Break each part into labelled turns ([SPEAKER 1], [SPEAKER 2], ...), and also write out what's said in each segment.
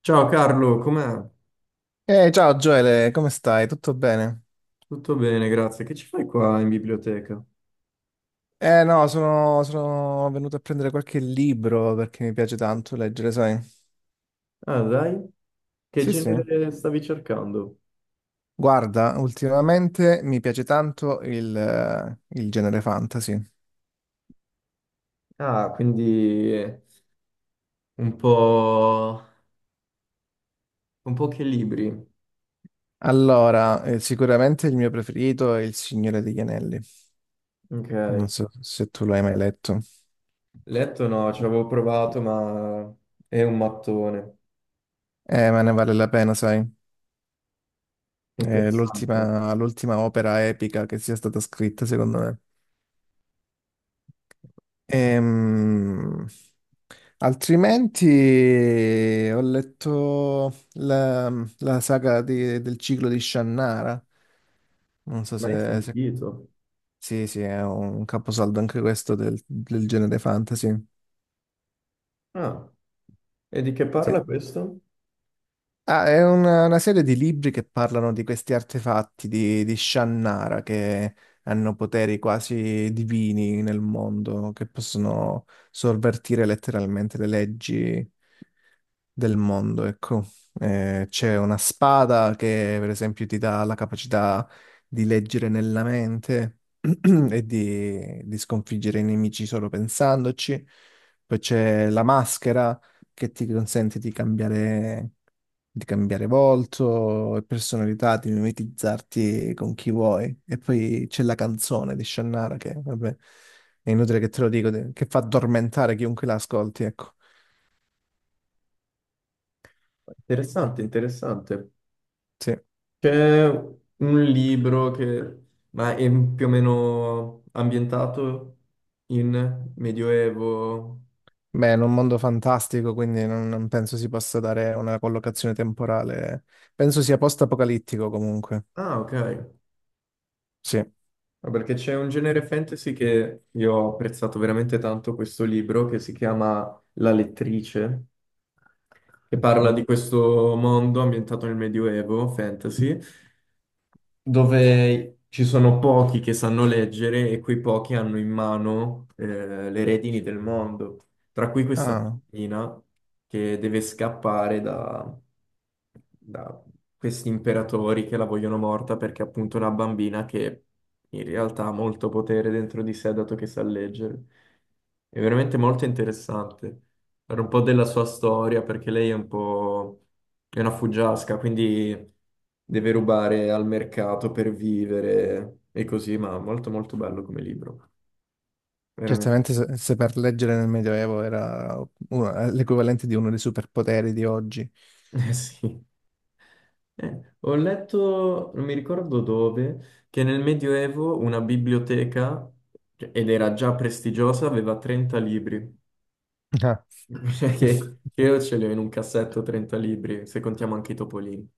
[SPEAKER 1] Ciao Carlo, com'è?
[SPEAKER 2] Ciao Gioele, come stai? Tutto bene?
[SPEAKER 1] Tutto bene, grazie. Che ci fai qua in biblioteca?
[SPEAKER 2] Eh no, sono venuto a prendere qualche libro perché mi piace tanto leggere, sai?
[SPEAKER 1] Ah, dai, che
[SPEAKER 2] Sì, sì.
[SPEAKER 1] genere stavi cercando?
[SPEAKER 2] Guarda, ultimamente mi piace tanto il genere fantasy.
[SPEAKER 1] Ah, quindi un un po' che libri.
[SPEAKER 2] Allora, sicuramente il mio preferito è Il Signore degli Anelli.
[SPEAKER 1] Ok.
[SPEAKER 2] Non so se tu l'hai mai letto.
[SPEAKER 1] Letto no, ci avevo provato, ma è un mattone.
[SPEAKER 2] Ma ne vale la pena, sai? È
[SPEAKER 1] Interessante.
[SPEAKER 2] l'ultima opera epica che sia stata scritta, secondo me. Ehm, Altrimenti ho la del ciclo di Shannara. Non so
[SPEAKER 1] Mai
[SPEAKER 2] se, se-
[SPEAKER 1] sentito.
[SPEAKER 2] Sì, sì, è un caposaldo anche questo del genere fantasy.
[SPEAKER 1] Ah, e di che
[SPEAKER 2] Sì.
[SPEAKER 1] parla questo?
[SPEAKER 2] Ah, è una serie di libri che parlano di questi artefatti di Shannara che hanno poteri quasi divini nel mondo, che possono sovvertire letteralmente le leggi del mondo, ecco. C'è una spada che, per esempio, ti dà la capacità di leggere nella mente e di sconfiggere i nemici solo pensandoci. Poi c'è la maschera che ti consente di cambiare volto e personalità, di mimetizzarti con chi vuoi. E poi c'è la canzone di Shannara che, vabbè, è inutile che te lo che fa addormentare chiunque la ascolti, ecco.
[SPEAKER 1] Interessante, interessante.
[SPEAKER 2] Sì.
[SPEAKER 1] C'è un libro che ma è più o meno ambientato in Medioevo.
[SPEAKER 2] Beh, è un mondo fantastico, quindi non penso si possa dare una collocazione temporale. Penso sia post-apocalittico comunque.
[SPEAKER 1] Ah, ok.
[SPEAKER 2] Sì,
[SPEAKER 1] Ah, perché c'è un genere fantasy che io ho apprezzato veramente tanto questo libro che si chiama La lettrice, che parla
[SPEAKER 2] ok.
[SPEAKER 1] di questo mondo ambientato nel Medioevo fantasy. Dove ci sono pochi che sanno leggere e quei pochi hanno in mano le redini del mondo, tra cui questa
[SPEAKER 2] Ah,
[SPEAKER 1] bambina che deve scappare da questi imperatori che la vogliono morta perché è appunto una bambina che in realtà ha molto potere dentro di sé dato che sa leggere. È veramente molto interessante. Era un po' della sua storia perché lei è un po'... È una fuggiasca, quindi deve rubare al mercato per vivere e così, ma molto molto bello come libro, veramente.
[SPEAKER 2] certamente se per leggere nel Medioevo era l'equivalente di uno dei superpoteri di oggi.
[SPEAKER 1] Eh sì. Ho letto, non mi ricordo dove, che nel Medioevo una biblioteca, cioè, ed era già prestigiosa, aveva 30 libri. Cioè che io ce li ho in un cassetto 30 libri, se contiamo anche i topolini.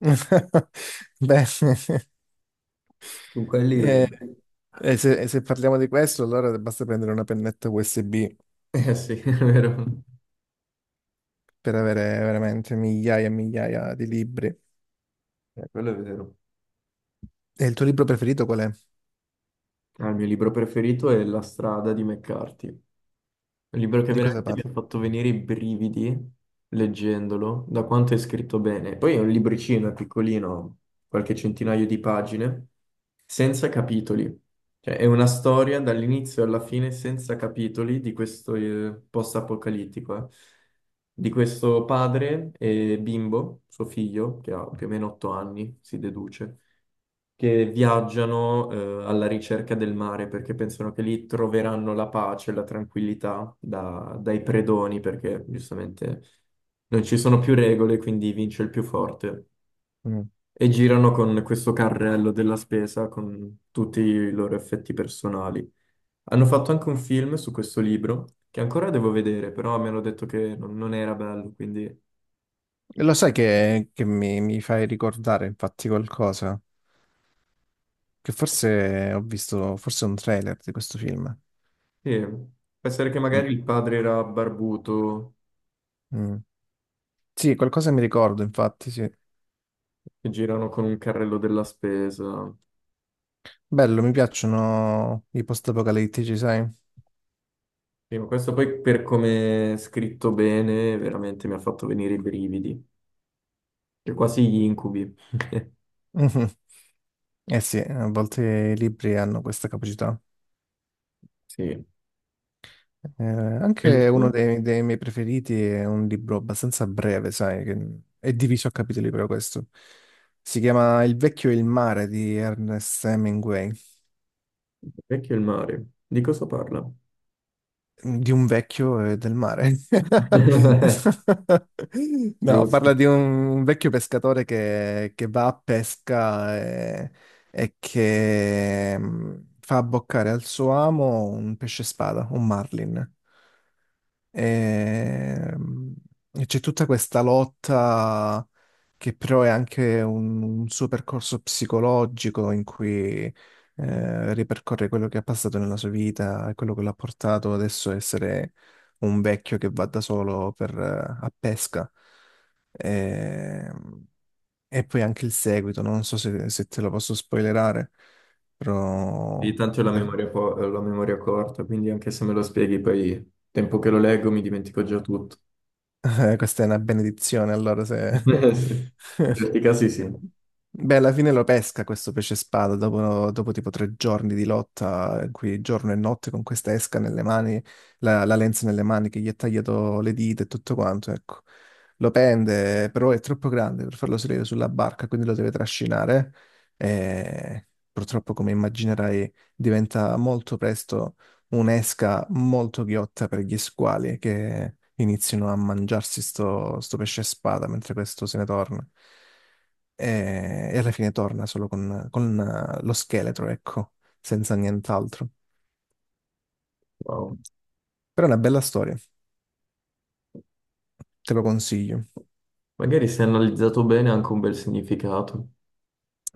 [SPEAKER 2] Beh,
[SPEAKER 1] Su quelli...
[SPEAKER 2] eh, e se parliamo di questo, allora basta prendere una pennetta USB
[SPEAKER 1] Eh sì, è vero.
[SPEAKER 2] per avere veramente migliaia e migliaia di libri.
[SPEAKER 1] Quello è vero.
[SPEAKER 2] E il tuo libro preferito qual è?
[SPEAKER 1] Ah, il mio libro preferito è La strada di McCarthy, un libro che
[SPEAKER 2] Di cosa
[SPEAKER 1] veramente mi ha
[SPEAKER 2] parla?
[SPEAKER 1] fatto venire i brividi leggendolo, da quanto è scritto bene. Poi è un libricino, è piccolino, qualche centinaio di pagine, senza capitoli. Cioè, è una storia dall'inizio alla fine senza capitoli di questo post-apocalittico, di questo padre e bimbo, suo figlio, che ha più o meno 8 anni, si deduce che viaggiano alla ricerca del mare perché pensano che lì troveranno la pace, la tranquillità dai predoni, perché giustamente non ci sono più regole, quindi vince il più forte.
[SPEAKER 2] Mm.
[SPEAKER 1] E girano con questo carrello della spesa con tutti i loro effetti personali. Hanno fatto anche un film su questo libro, che ancora devo vedere, però mi hanno detto che non era bello, quindi
[SPEAKER 2] Lo sai che mi fai ricordare infatti qualcosa? Che forse ho visto, forse un trailer di questo film.
[SPEAKER 1] sì, può essere che
[SPEAKER 2] Mm,
[SPEAKER 1] magari il padre era barbuto,
[SPEAKER 2] mm. Sì, qualcosa mi ricordo infatti, sì.
[SPEAKER 1] che girano con un carrello della spesa.
[SPEAKER 2] Bello, mi piacciono i post-apocalittici, sai?
[SPEAKER 1] Sì, ma questo poi per come è scritto bene, veramente mi ha fatto venire i brividi, e quasi gli incubi.
[SPEAKER 2] Eh sì, a volte i libri hanno questa capacità.
[SPEAKER 1] Sì. E il
[SPEAKER 2] Anche uno
[SPEAKER 1] tuo?
[SPEAKER 2] dei miei preferiti è un libro abbastanza breve, sai, che è diviso a capitoli proprio questo. Si chiama Il vecchio e il mare di Ernest Hemingway,
[SPEAKER 1] Vecchio il mare. Di cosa parla?
[SPEAKER 2] di un vecchio e del mare. No,
[SPEAKER 1] Giusto.
[SPEAKER 2] parla di un vecchio pescatore che va a e che fa abboccare al suo amo un pesce spada, un marlin. Ehm, E c'è tutta questa lotta che però è anche un suo percorso psicologico in cui ripercorre quello che ha passato nella sua vita e quello che l'ha portato adesso a essere un vecchio che va da solo a pesca. Ehm, E, poi anche il seguito, non so se te lo posso spoilerare,
[SPEAKER 1] Sì,
[SPEAKER 2] però...
[SPEAKER 1] tanto ho la memoria, ho la memoria corta, quindi anche se me lo spieghi poi, tempo che lo leggo, mi dimentico già tutto.
[SPEAKER 2] Questa è una benedizione, allora se...
[SPEAKER 1] Sì. In certi casi sì.
[SPEAKER 2] Beh, alla fine lo pesca questo pesce spada dopo tipo tre giorni di lotta, in cui giorno e notte con questa esca nelle mani, la lenza nelle mani che gli ha tagliato le dita e tutto quanto, ecco. Lo pende, però è troppo grande per farlo salire sulla barca, quindi lo deve trascinare e purtroppo, come immaginerai, diventa molto presto un'esca molto ghiotta per gli squali che iniziano a mangiarsi sto pesce spada mentre questo se ne torna. E alla fine torna solo con lo scheletro, ecco, senza nient'altro.
[SPEAKER 1] Wow.
[SPEAKER 2] Però è una bella storia, te lo consiglio.
[SPEAKER 1] Magari se analizzato bene ha anche un bel significato.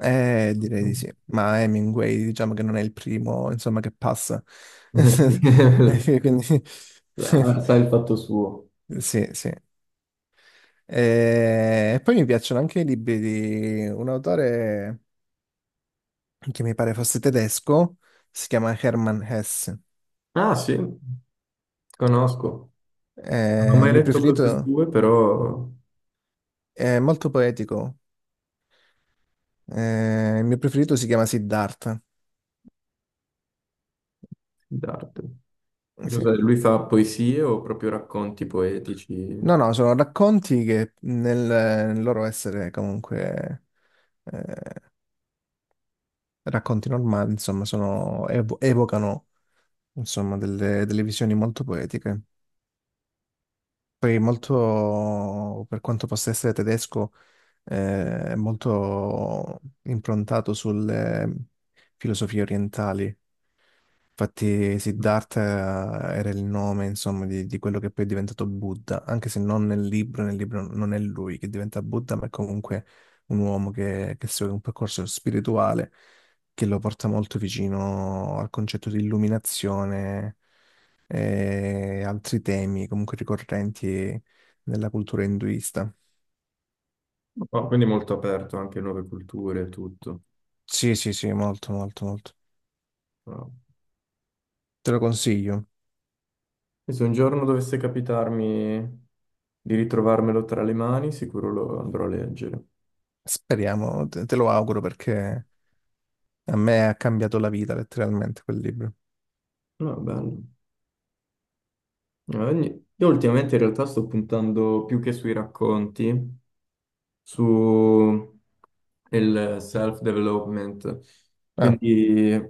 [SPEAKER 2] Direi di sì. Ma Hemingway, diciamo che non è il primo, insomma, che passa. Quindi...
[SPEAKER 1] Sì. Ah, sa il fatto suo.
[SPEAKER 2] Sì, sì. E poi mi piacciono anche i libri di un autore che mi pare fosse tedesco, si chiama Hermann Hesse.
[SPEAKER 1] Ah, sì. Conosco, non ho
[SPEAKER 2] Il
[SPEAKER 1] mai
[SPEAKER 2] mio
[SPEAKER 1] letto cose
[SPEAKER 2] preferito
[SPEAKER 1] sue, però
[SPEAKER 2] è molto poetico. Il mio preferito si chiama Siddhartha.
[SPEAKER 1] sì, d'arte. Che
[SPEAKER 2] Sì.
[SPEAKER 1] cos'è? Lui fa poesie o proprio racconti
[SPEAKER 2] No,
[SPEAKER 1] poetici?
[SPEAKER 2] no, sono racconti che nel loro essere comunque eh, racconti normali, insomma, evocano insomma, delle visioni molto poetiche. Poi molto, per quanto possa essere tedesco, è molto improntato sulle filosofie orientali. Infatti Siddhartha era il nome, insomma, di quello che poi è diventato Buddha, anche se non nel libro, nel libro non è lui che diventa Buddha, ma è comunque un uomo che segue un percorso spirituale che lo porta molto vicino al concetto di illuminazione e altri temi comunque ricorrenti nella cultura induista.
[SPEAKER 1] Oh, quindi molto aperto anche a nuove culture e tutto.
[SPEAKER 2] Sì, sì, sì, molto, molto, molto.
[SPEAKER 1] Wow.
[SPEAKER 2] Te lo consiglio.
[SPEAKER 1] E se un giorno dovesse capitarmi di ritrovarmelo tra le mani, sicuro lo andrò a leggere.
[SPEAKER 2] Speriamo, te lo auguro perché... A me ha cambiato la vita letteralmente quel libro.
[SPEAKER 1] No, bello. Io ultimamente in realtà sto puntando più che sui racconti, su e il self-development,
[SPEAKER 2] Ah,
[SPEAKER 1] quindi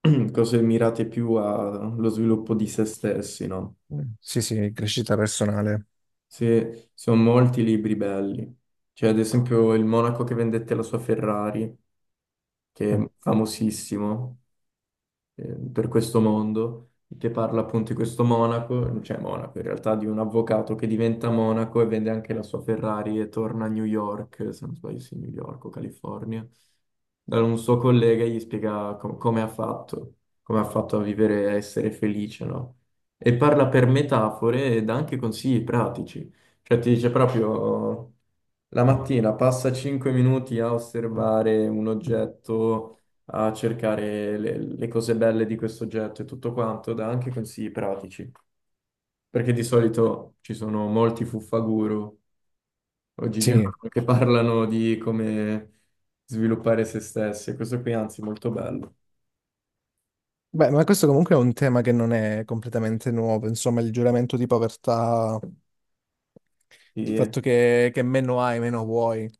[SPEAKER 1] cose mirate più allo sviluppo di se stessi, no?
[SPEAKER 2] sì, sì, crescita personale.
[SPEAKER 1] Se, sono molti libri belli, cioè ad esempio il monaco che vendette la sua Ferrari, che
[SPEAKER 2] Mm,
[SPEAKER 1] è famosissimo, eh, per questo mondo, che parla appunto di questo monaco, cioè monaco in realtà, di un avvocato che diventa monaco e vende anche la sua Ferrari e torna a New York, se non sbaglio, sì, New York o California, da un suo collega e gli spiega come ha fatto a vivere, a essere felice, no? E parla per metafore e dà anche consigli pratici, cioè ti dice proprio... La mattina passa 5 minuti a osservare un oggetto a cercare le cose belle di questo oggetto e tutto quanto, dà anche consigli pratici, perché di solito ci sono molti fuffaguru oggigiorno
[SPEAKER 2] Sì.
[SPEAKER 1] che parlano di come sviluppare se stessi, e questo qui anzi è molto bello.
[SPEAKER 2] Beh, ma questo comunque è un tema che non è completamente nuovo, insomma, il giuramento di povertà, il
[SPEAKER 1] Sì,
[SPEAKER 2] fatto che meno hai, meno vuoi.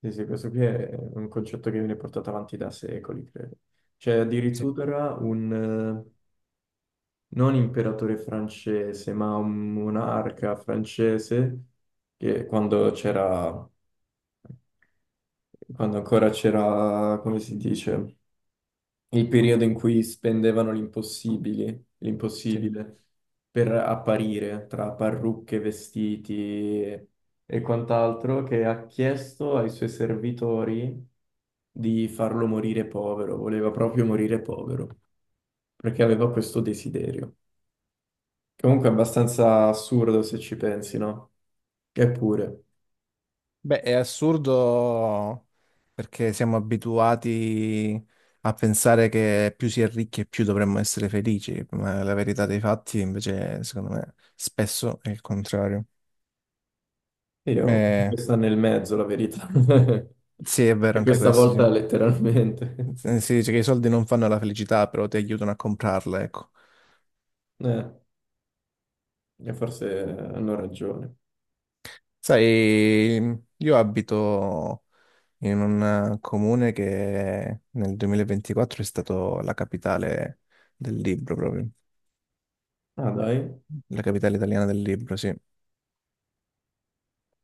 [SPEAKER 1] sì, sì, questo qui è un concetto che viene portato avanti da secoli, credo. C'è
[SPEAKER 2] Sì,
[SPEAKER 1] addirittura un, eh, non imperatore francese, ma un monarca francese che quando ancora c'era, come si dice, il periodo in cui spendevano l'impossibile,
[SPEAKER 2] sì.
[SPEAKER 1] l'impossibile per apparire tra parrucche, vestiti e quant'altro, che ha chiesto ai suoi servitori di farlo morire povero, voleva proprio morire povero, perché aveva questo desiderio. Comunque è abbastanza assurdo se ci pensi, no? Eppure,
[SPEAKER 2] Beh, è assurdo perché siamo abituati a pensare che più si è ricchi e più dovremmo essere felici, ma la verità dei fatti invece, secondo me, spesso è il contrario.
[SPEAKER 1] io,
[SPEAKER 2] Eh,
[SPEAKER 1] questa nel mezzo la verità.
[SPEAKER 2] Sì, è vero
[SPEAKER 1] E
[SPEAKER 2] anche
[SPEAKER 1] questa
[SPEAKER 2] questo, sì.
[SPEAKER 1] volta letteralmente.
[SPEAKER 2] Si dice che i soldi non fanno la felicità, però ti aiutano a comprarla, ecco.
[SPEAKER 1] Eh, e forse hanno ragione.
[SPEAKER 2] Sai, io abito in un comune che nel 2024 è stato la capitale del libro, proprio.
[SPEAKER 1] Ah, dai,
[SPEAKER 2] La capitale italiana del libro, sì.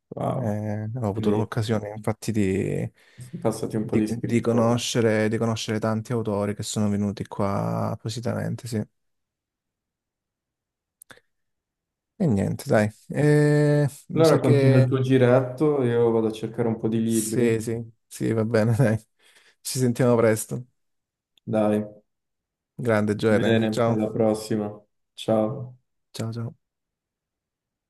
[SPEAKER 1] wow.
[SPEAKER 2] Ho avuto
[SPEAKER 1] Quindi
[SPEAKER 2] l'occasione, infatti,
[SPEAKER 1] sono passati un po' di scrittori.
[SPEAKER 2] di conoscere tanti autori che sono venuti qua appositamente, sì. E niente, dai. Mi
[SPEAKER 1] Allora
[SPEAKER 2] sa
[SPEAKER 1] continua il
[SPEAKER 2] che
[SPEAKER 1] tuo giretto, io vado a cercare un po' di libri.
[SPEAKER 2] sì, sì, sì, va bene, dai. Ci sentiamo presto.
[SPEAKER 1] Dai,
[SPEAKER 2] Grande Gioele.
[SPEAKER 1] bene, alla
[SPEAKER 2] Ciao.
[SPEAKER 1] prossima. Ciao.
[SPEAKER 2] Ciao, ciao.